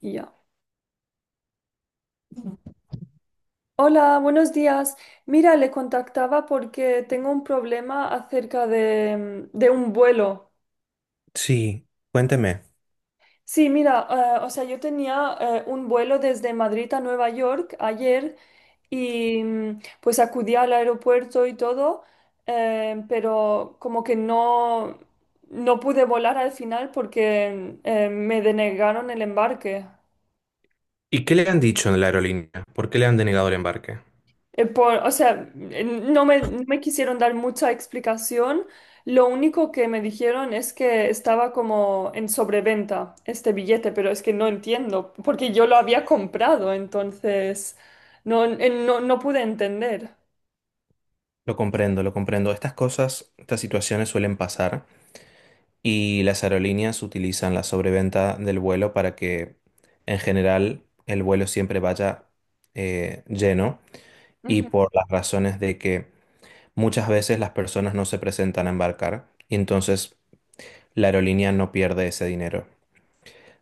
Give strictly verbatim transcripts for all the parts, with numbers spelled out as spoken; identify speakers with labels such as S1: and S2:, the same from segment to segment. S1: Y Ya. Hola, buenos días. Mira, le contactaba porque tengo un problema acerca de, mm, de un vuelo.
S2: Sí, cuénteme.
S1: Sí, mira, eh, o sea, yo tenía eh, un vuelo desde Madrid a Nueva York ayer y mm, pues acudí al aeropuerto y todo, eh, pero como que no, no pude volar al final porque eh, me denegaron el embarque.
S2: ¿Y qué le han dicho en la aerolínea? ¿Por qué le han denegado el embarque?
S1: Eh, por- o sea, eh, no me, no me quisieron dar mucha explicación. Lo único que me dijeron es que estaba como en sobreventa este billete, pero es que no entiendo, porque yo lo había comprado, entonces no, eh, no, no pude entender.
S2: Lo comprendo, lo comprendo. Estas cosas, estas situaciones suelen pasar y las aerolíneas utilizan la sobreventa del vuelo para que, en general, el vuelo siempre vaya eh, lleno y
S1: Ujú.
S2: por las razones de que muchas veces las personas no se presentan a embarcar y entonces la aerolínea no pierde ese dinero.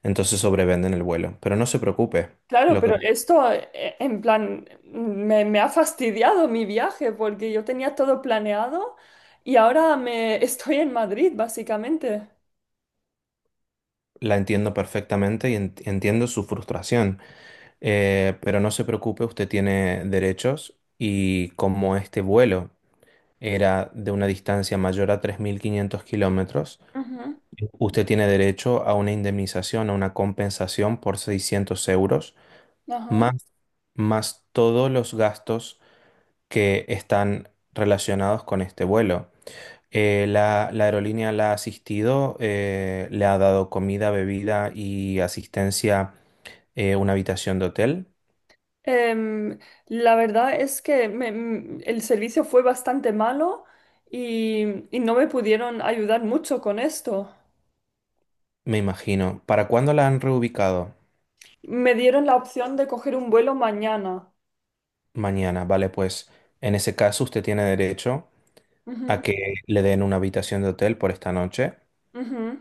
S2: Entonces sobrevenden el vuelo. Pero no se preocupe.
S1: Claro,
S2: Lo que
S1: pero esto eh, en plan me, me ha fastidiado mi viaje porque yo tenía todo planeado y ahora me estoy en Madrid, básicamente.
S2: La entiendo perfectamente y en- entiendo su frustración. Eh, pero no se preocupe, usted tiene derechos y como este vuelo era de una distancia mayor a tres mil quinientos kilómetros,
S1: Ujú.
S2: usted tiene derecho a una indemnización, a una compensación por seiscientos euros,
S1: Ajá.
S2: más, más todos los gastos que están relacionados con este vuelo. Eh, la, la aerolínea la ha asistido, eh, le ha dado comida, bebida y asistencia, eh, una habitación de hotel,
S1: Em, la verdad es que me- m- el servicio fue bastante malo y, y no me pudieron ayudar mucho con esto.
S2: me imagino. ¿Para cuándo la han reubicado?
S1: Me dieron la opción de coger un vuelo mañana.
S2: Mañana, vale, pues en ese caso usted tiene derecho
S1: Ujú,
S2: a que le den una habitación de hotel por esta noche,
S1: ujú,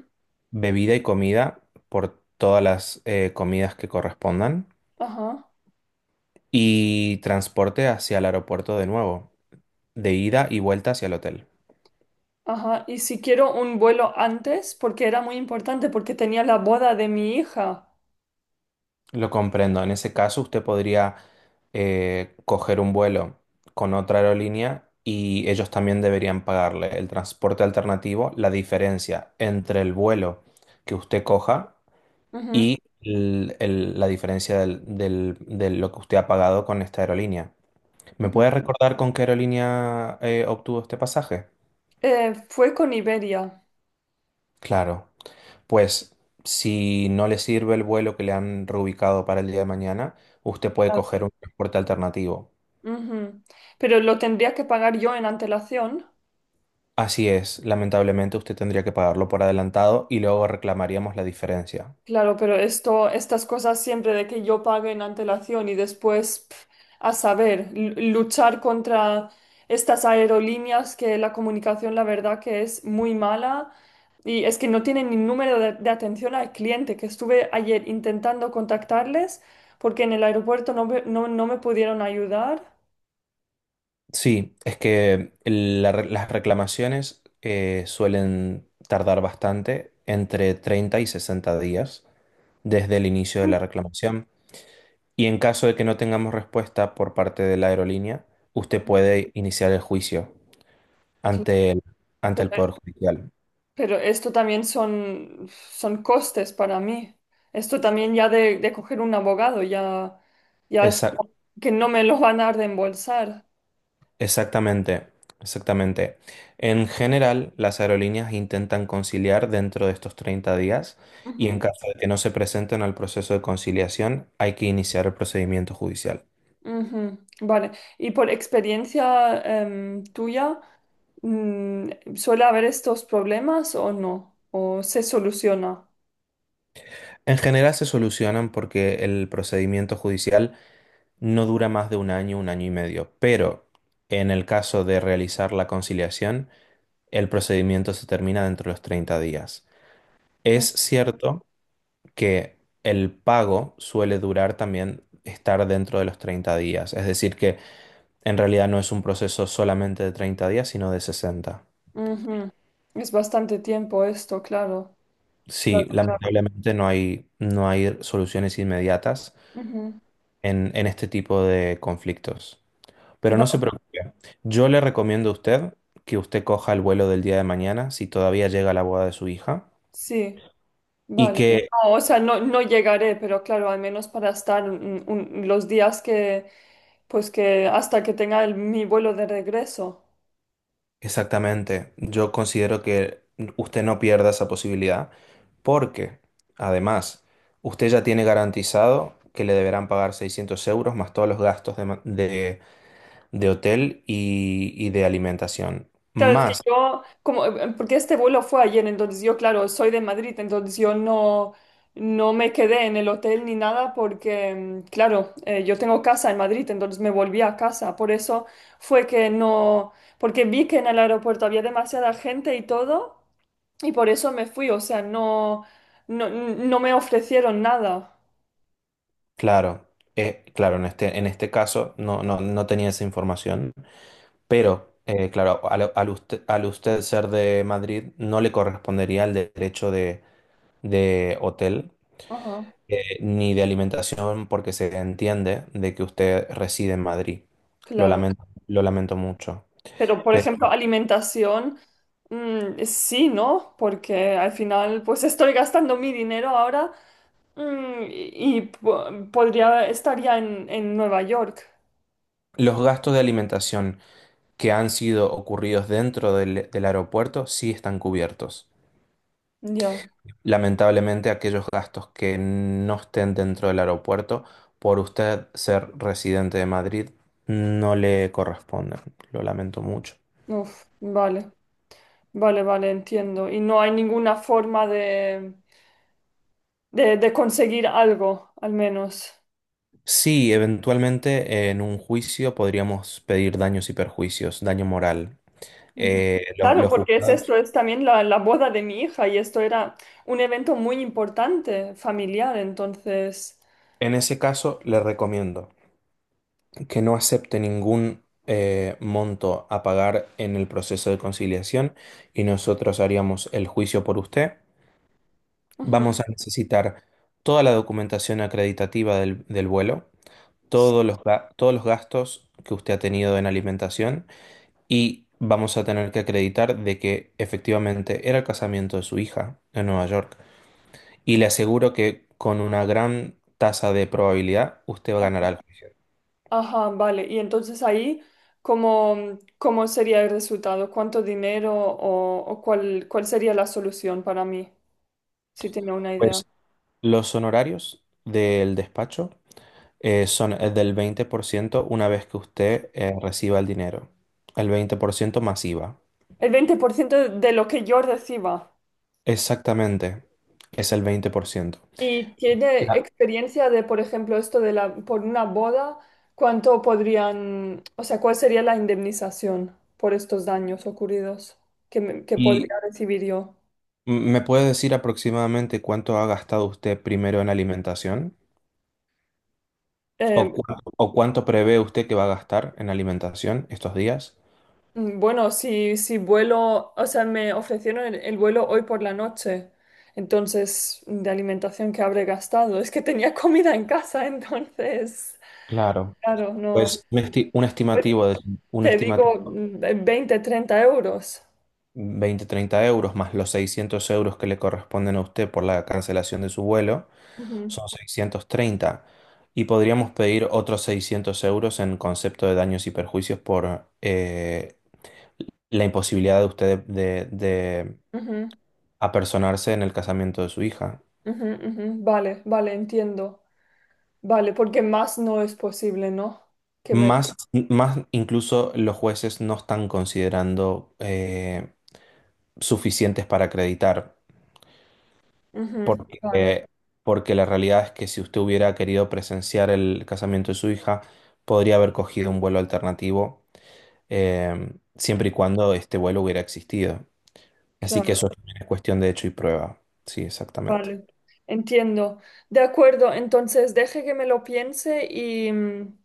S2: bebida y comida por todas las eh, comidas que correspondan
S1: ajá,
S2: y transporte hacia el aeropuerto de nuevo, de ida y vuelta hacia el hotel.
S1: ajá. Y si quiero un vuelo antes, porque era muy importante, porque tenía la boda de mi hija.
S2: Lo comprendo. En ese caso, usted podría eh, coger un vuelo con otra aerolínea y ellos también deberían pagarle el transporte alternativo, la diferencia entre el vuelo que usted coja
S1: Ujú,
S2: y el- el- la diferencia del- del- de lo que usted ha pagado con esta aerolínea. ¿Me
S1: ujú.
S2: puede recordar con qué aerolínea eh, obtuvo este pasaje?
S1: Eh, fue con Iberia.
S2: Claro. Pues si no le sirve el vuelo que le han reubicado para el día de mañana, usted puede
S1: Ah,
S2: coger un transporte alternativo.
S1: ujú. Pero lo tendría que pagar yo en antelación.
S2: Así es, lamentablemente usted tendría que pagarlo por adelantado y luego reclamaríamos la diferencia.
S1: Claro, pero esto, estas cosas siempre de que yo pague en antelación y después, pf, a saber, l- luchar contra estas aerolíneas que la comunicación, la verdad que es muy mala y es que no tienen ni número de, de atención al cliente, que estuve ayer intentando contactarles porque en el aeropuerto no, me- no, no me pudieron ayudar.
S2: Sí, es que la re- las reclamaciones eh, suelen tardar bastante, entre treinta y sesenta días desde el inicio de
S1: Mm.
S2: la reclamación. Y en caso de que no tengamos respuesta por parte de la aerolínea, usted puede iniciar el juicio
S1: Claro,
S2: ante el, ante
S1: pero
S2: el Poder Judicial.
S1: Pero esto también son, son costes para mí. Esto también ya de, de coger un abogado, ya, ya es
S2: Esa-
S1: como que no me lo van a reembolsar.
S2: Exactamente, exactamente. En general, las aerolíneas intentan conciliar dentro de estos treinta días y en
S1: Ujú,
S2: caso de que no se presenten al proceso de conciliación, hay que iniciar el procedimiento judicial.
S1: ujú. Vale. Y por experiencia em, tuya, mm, ¿suele haber estos problemas o no? ¿O se soluciona?
S2: En general se solucionan porque el procedimiento judicial no dura más de un año, un año y medio, pero en el caso de realizar la conciliación, el procedimiento se termina dentro de los treinta días.
S1: Mm,
S2: Es cierto que el pago suele durar también estar dentro de los treinta días. Es decir, que en realidad no es un proceso solamente de treinta días, sino de sesenta.
S1: ujú. Es bastante tiempo esto, claro. Claro,
S2: Sí,
S1: claro.
S2: lamentablemente no hay, no hay soluciones inmediatas
S1: Ujú.
S2: en, en este tipo de conflictos. Pero no se
S1: Vale,
S2: preocupe. Yo le recomiendo a usted que usted coja el vuelo del día de mañana, si todavía llega la boda de su hija,
S1: sí.
S2: y
S1: Vale.
S2: que...
S1: No, o sea, no, no llegaré, pero claro, al menos para estar un- un- los días que, pues que hasta que tenga el- mi vuelo de regreso.
S2: Exactamente. Yo considero que usted no pierda esa posibilidad porque, además, usted ya tiene garantizado que le deberán pagar seiscientos euros más todos los gastos de, ma- de- de hotel y, y de alimentación.
S1: Claro, es que
S2: Más,
S1: yo, como, eh, porque este vuelo fue ayer, entonces yo, claro, soy de Madrid, entonces yo no, no me quedé en el hotel ni nada porque, mm, claro, eh, yo tengo casa en Madrid, entonces me volví a casa. Por eso fue que no, porque vi que en el aeropuerto había demasiada gente y todo. Y por eso me fui, o sea, no, no, no me ofrecieron nada.
S2: claro, eh, claro, en este, en este caso no, no, no tenía esa información, pero, eh, claro, al, al usted, al usted ser de Madrid no le correspondería el derecho de de hotel
S1: Ajá,
S2: eh, ni de alimentación porque se entiende de que usted reside en Madrid. Lo
S1: claro.
S2: lamento, lo lamento mucho.
S1: Pero, por
S2: Pero
S1: ejemplo, alimentación, mm, sí, ¿no? Porque al final, pues estoy gastando mi dinero ahora, mm, y, y po- podría, estaría en, en Nueva York.
S2: los gastos de alimentación que han sido ocurridos dentro del, del aeropuerto sí están cubiertos.
S1: Ya,
S2: Lamentablemente, aquellos gastos que no estén dentro del aeropuerto, por usted ser residente de Madrid, no le corresponden. Lo lamento mucho.
S1: uf, vale, vale, vale, entiendo. Y no hay ninguna forma de, de, de conseguir algo, al menos.
S2: Sí, eventualmente en un juicio podríamos pedir daños y perjuicios, daño moral.
S1: Ujú.
S2: Eh, lo-
S1: Claro,
S2: los
S1: porque es
S2: juzgados,
S1: esto, es también la, la boda de mi hija y esto era un evento muy importante, familiar, entonces.
S2: en ese caso, le recomiendo que no acepte ningún eh, monto a pagar en el proceso de conciliación y nosotros haríamos el juicio por usted.
S1: Ujú.
S2: Vamos a necesitar toda la documentación acreditativa del, del vuelo,
S1: S-
S2: todos los, ga- todos los gastos que usted ha tenido en alimentación y vamos a tener que acreditar de que efectivamente era el casamiento de su hija en Nueva York, y le aseguro que con una gran tasa de probabilidad usted
S1: Ajá,
S2: ganará el juicio.
S1: ajá, vale. Y entonces ahí, ¿cómo, cómo sería el resultado? ¿Cuánto dinero o, o cuál, cuál sería la solución para mí? Si tiene una idea.
S2: Pues los honorarios del despacho eh, son el del veinte por ciento una vez que usted eh, reciba el dinero. El veinte por ciento más IVA.
S1: El veinte por ciento de lo que yo reciba.
S2: Exactamente, es el veinte por ciento.
S1: ¿Y tiene
S2: La-
S1: experiencia de, por ejemplo, esto de la, por una boda, cuánto podrían, o sea, cuál sería la indemnización por estos daños ocurridos que, me- que
S2: ¿Y
S1: podría recibir yo?
S2: me puede decir aproximadamente cuánto ha gastado usted primero en alimentación? ¿O
S1: Eh,
S2: cuánto, o cuánto prevé usted que va a gastar en alimentación estos días?
S1: mm, bueno, si, si vuelo, o sea, me ofrecieron el, el vuelo hoy por la noche, entonces, de alimentación que habré gastado, es que tenía comida en casa, entonces,
S2: Claro.
S1: claro, no,
S2: Pues un esti- un
S1: pues
S2: estimativo de un
S1: te digo,
S2: estimativo
S1: mm, veinte, treinta euros.
S2: veinte-treinta euros más los seiscientos euros que le corresponden a usted por la cancelación de su vuelo
S1: Ujú,
S2: son seiscientos treinta y podríamos pedir otros seiscientos euros en concepto de daños y perjuicios por eh, la imposibilidad de usted de, de
S1: ujú.
S2: apersonarse en el casamiento de su hija.
S1: Ujú, ujú. Vale, vale, entiendo. Vale, porque más no es posible, ¿no? Que me.
S2: Más, más incluso los jueces no están considerando eh, suficientes para acreditar.
S1: Ujú, vale,
S2: Porque, porque la realidad es que si usted hubiera querido presenciar el casamiento de su hija, podría haber cogido un vuelo alternativo, eh, siempre y cuando este vuelo hubiera existido. Así que eso
S1: claro,
S2: también es cuestión de hecho y prueba. Sí, exactamente.
S1: vale. Entiendo. De acuerdo, entonces deje que me lo piense y, mm,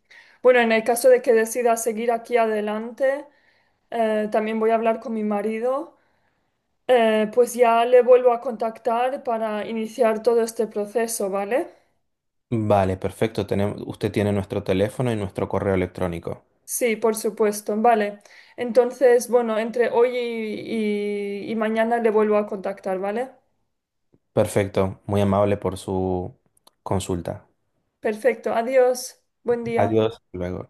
S1: bueno, en el caso de que decida seguir aquí adelante, eh, también voy a hablar con mi marido. Eh, pues ya le vuelvo a contactar para iniciar todo este proceso, ¿vale?
S2: Vale, perfecto. Tenemos, usted tiene nuestro teléfono y nuestro correo electrónico.
S1: Sí, por supuesto. Vale. Entonces, bueno, entre hoy y, y y mañana le vuelvo a contactar, ¿vale?
S2: Perfecto. Muy amable por su consulta.
S1: Perfecto. Adiós. Buen día.
S2: Adiós. Hasta luego.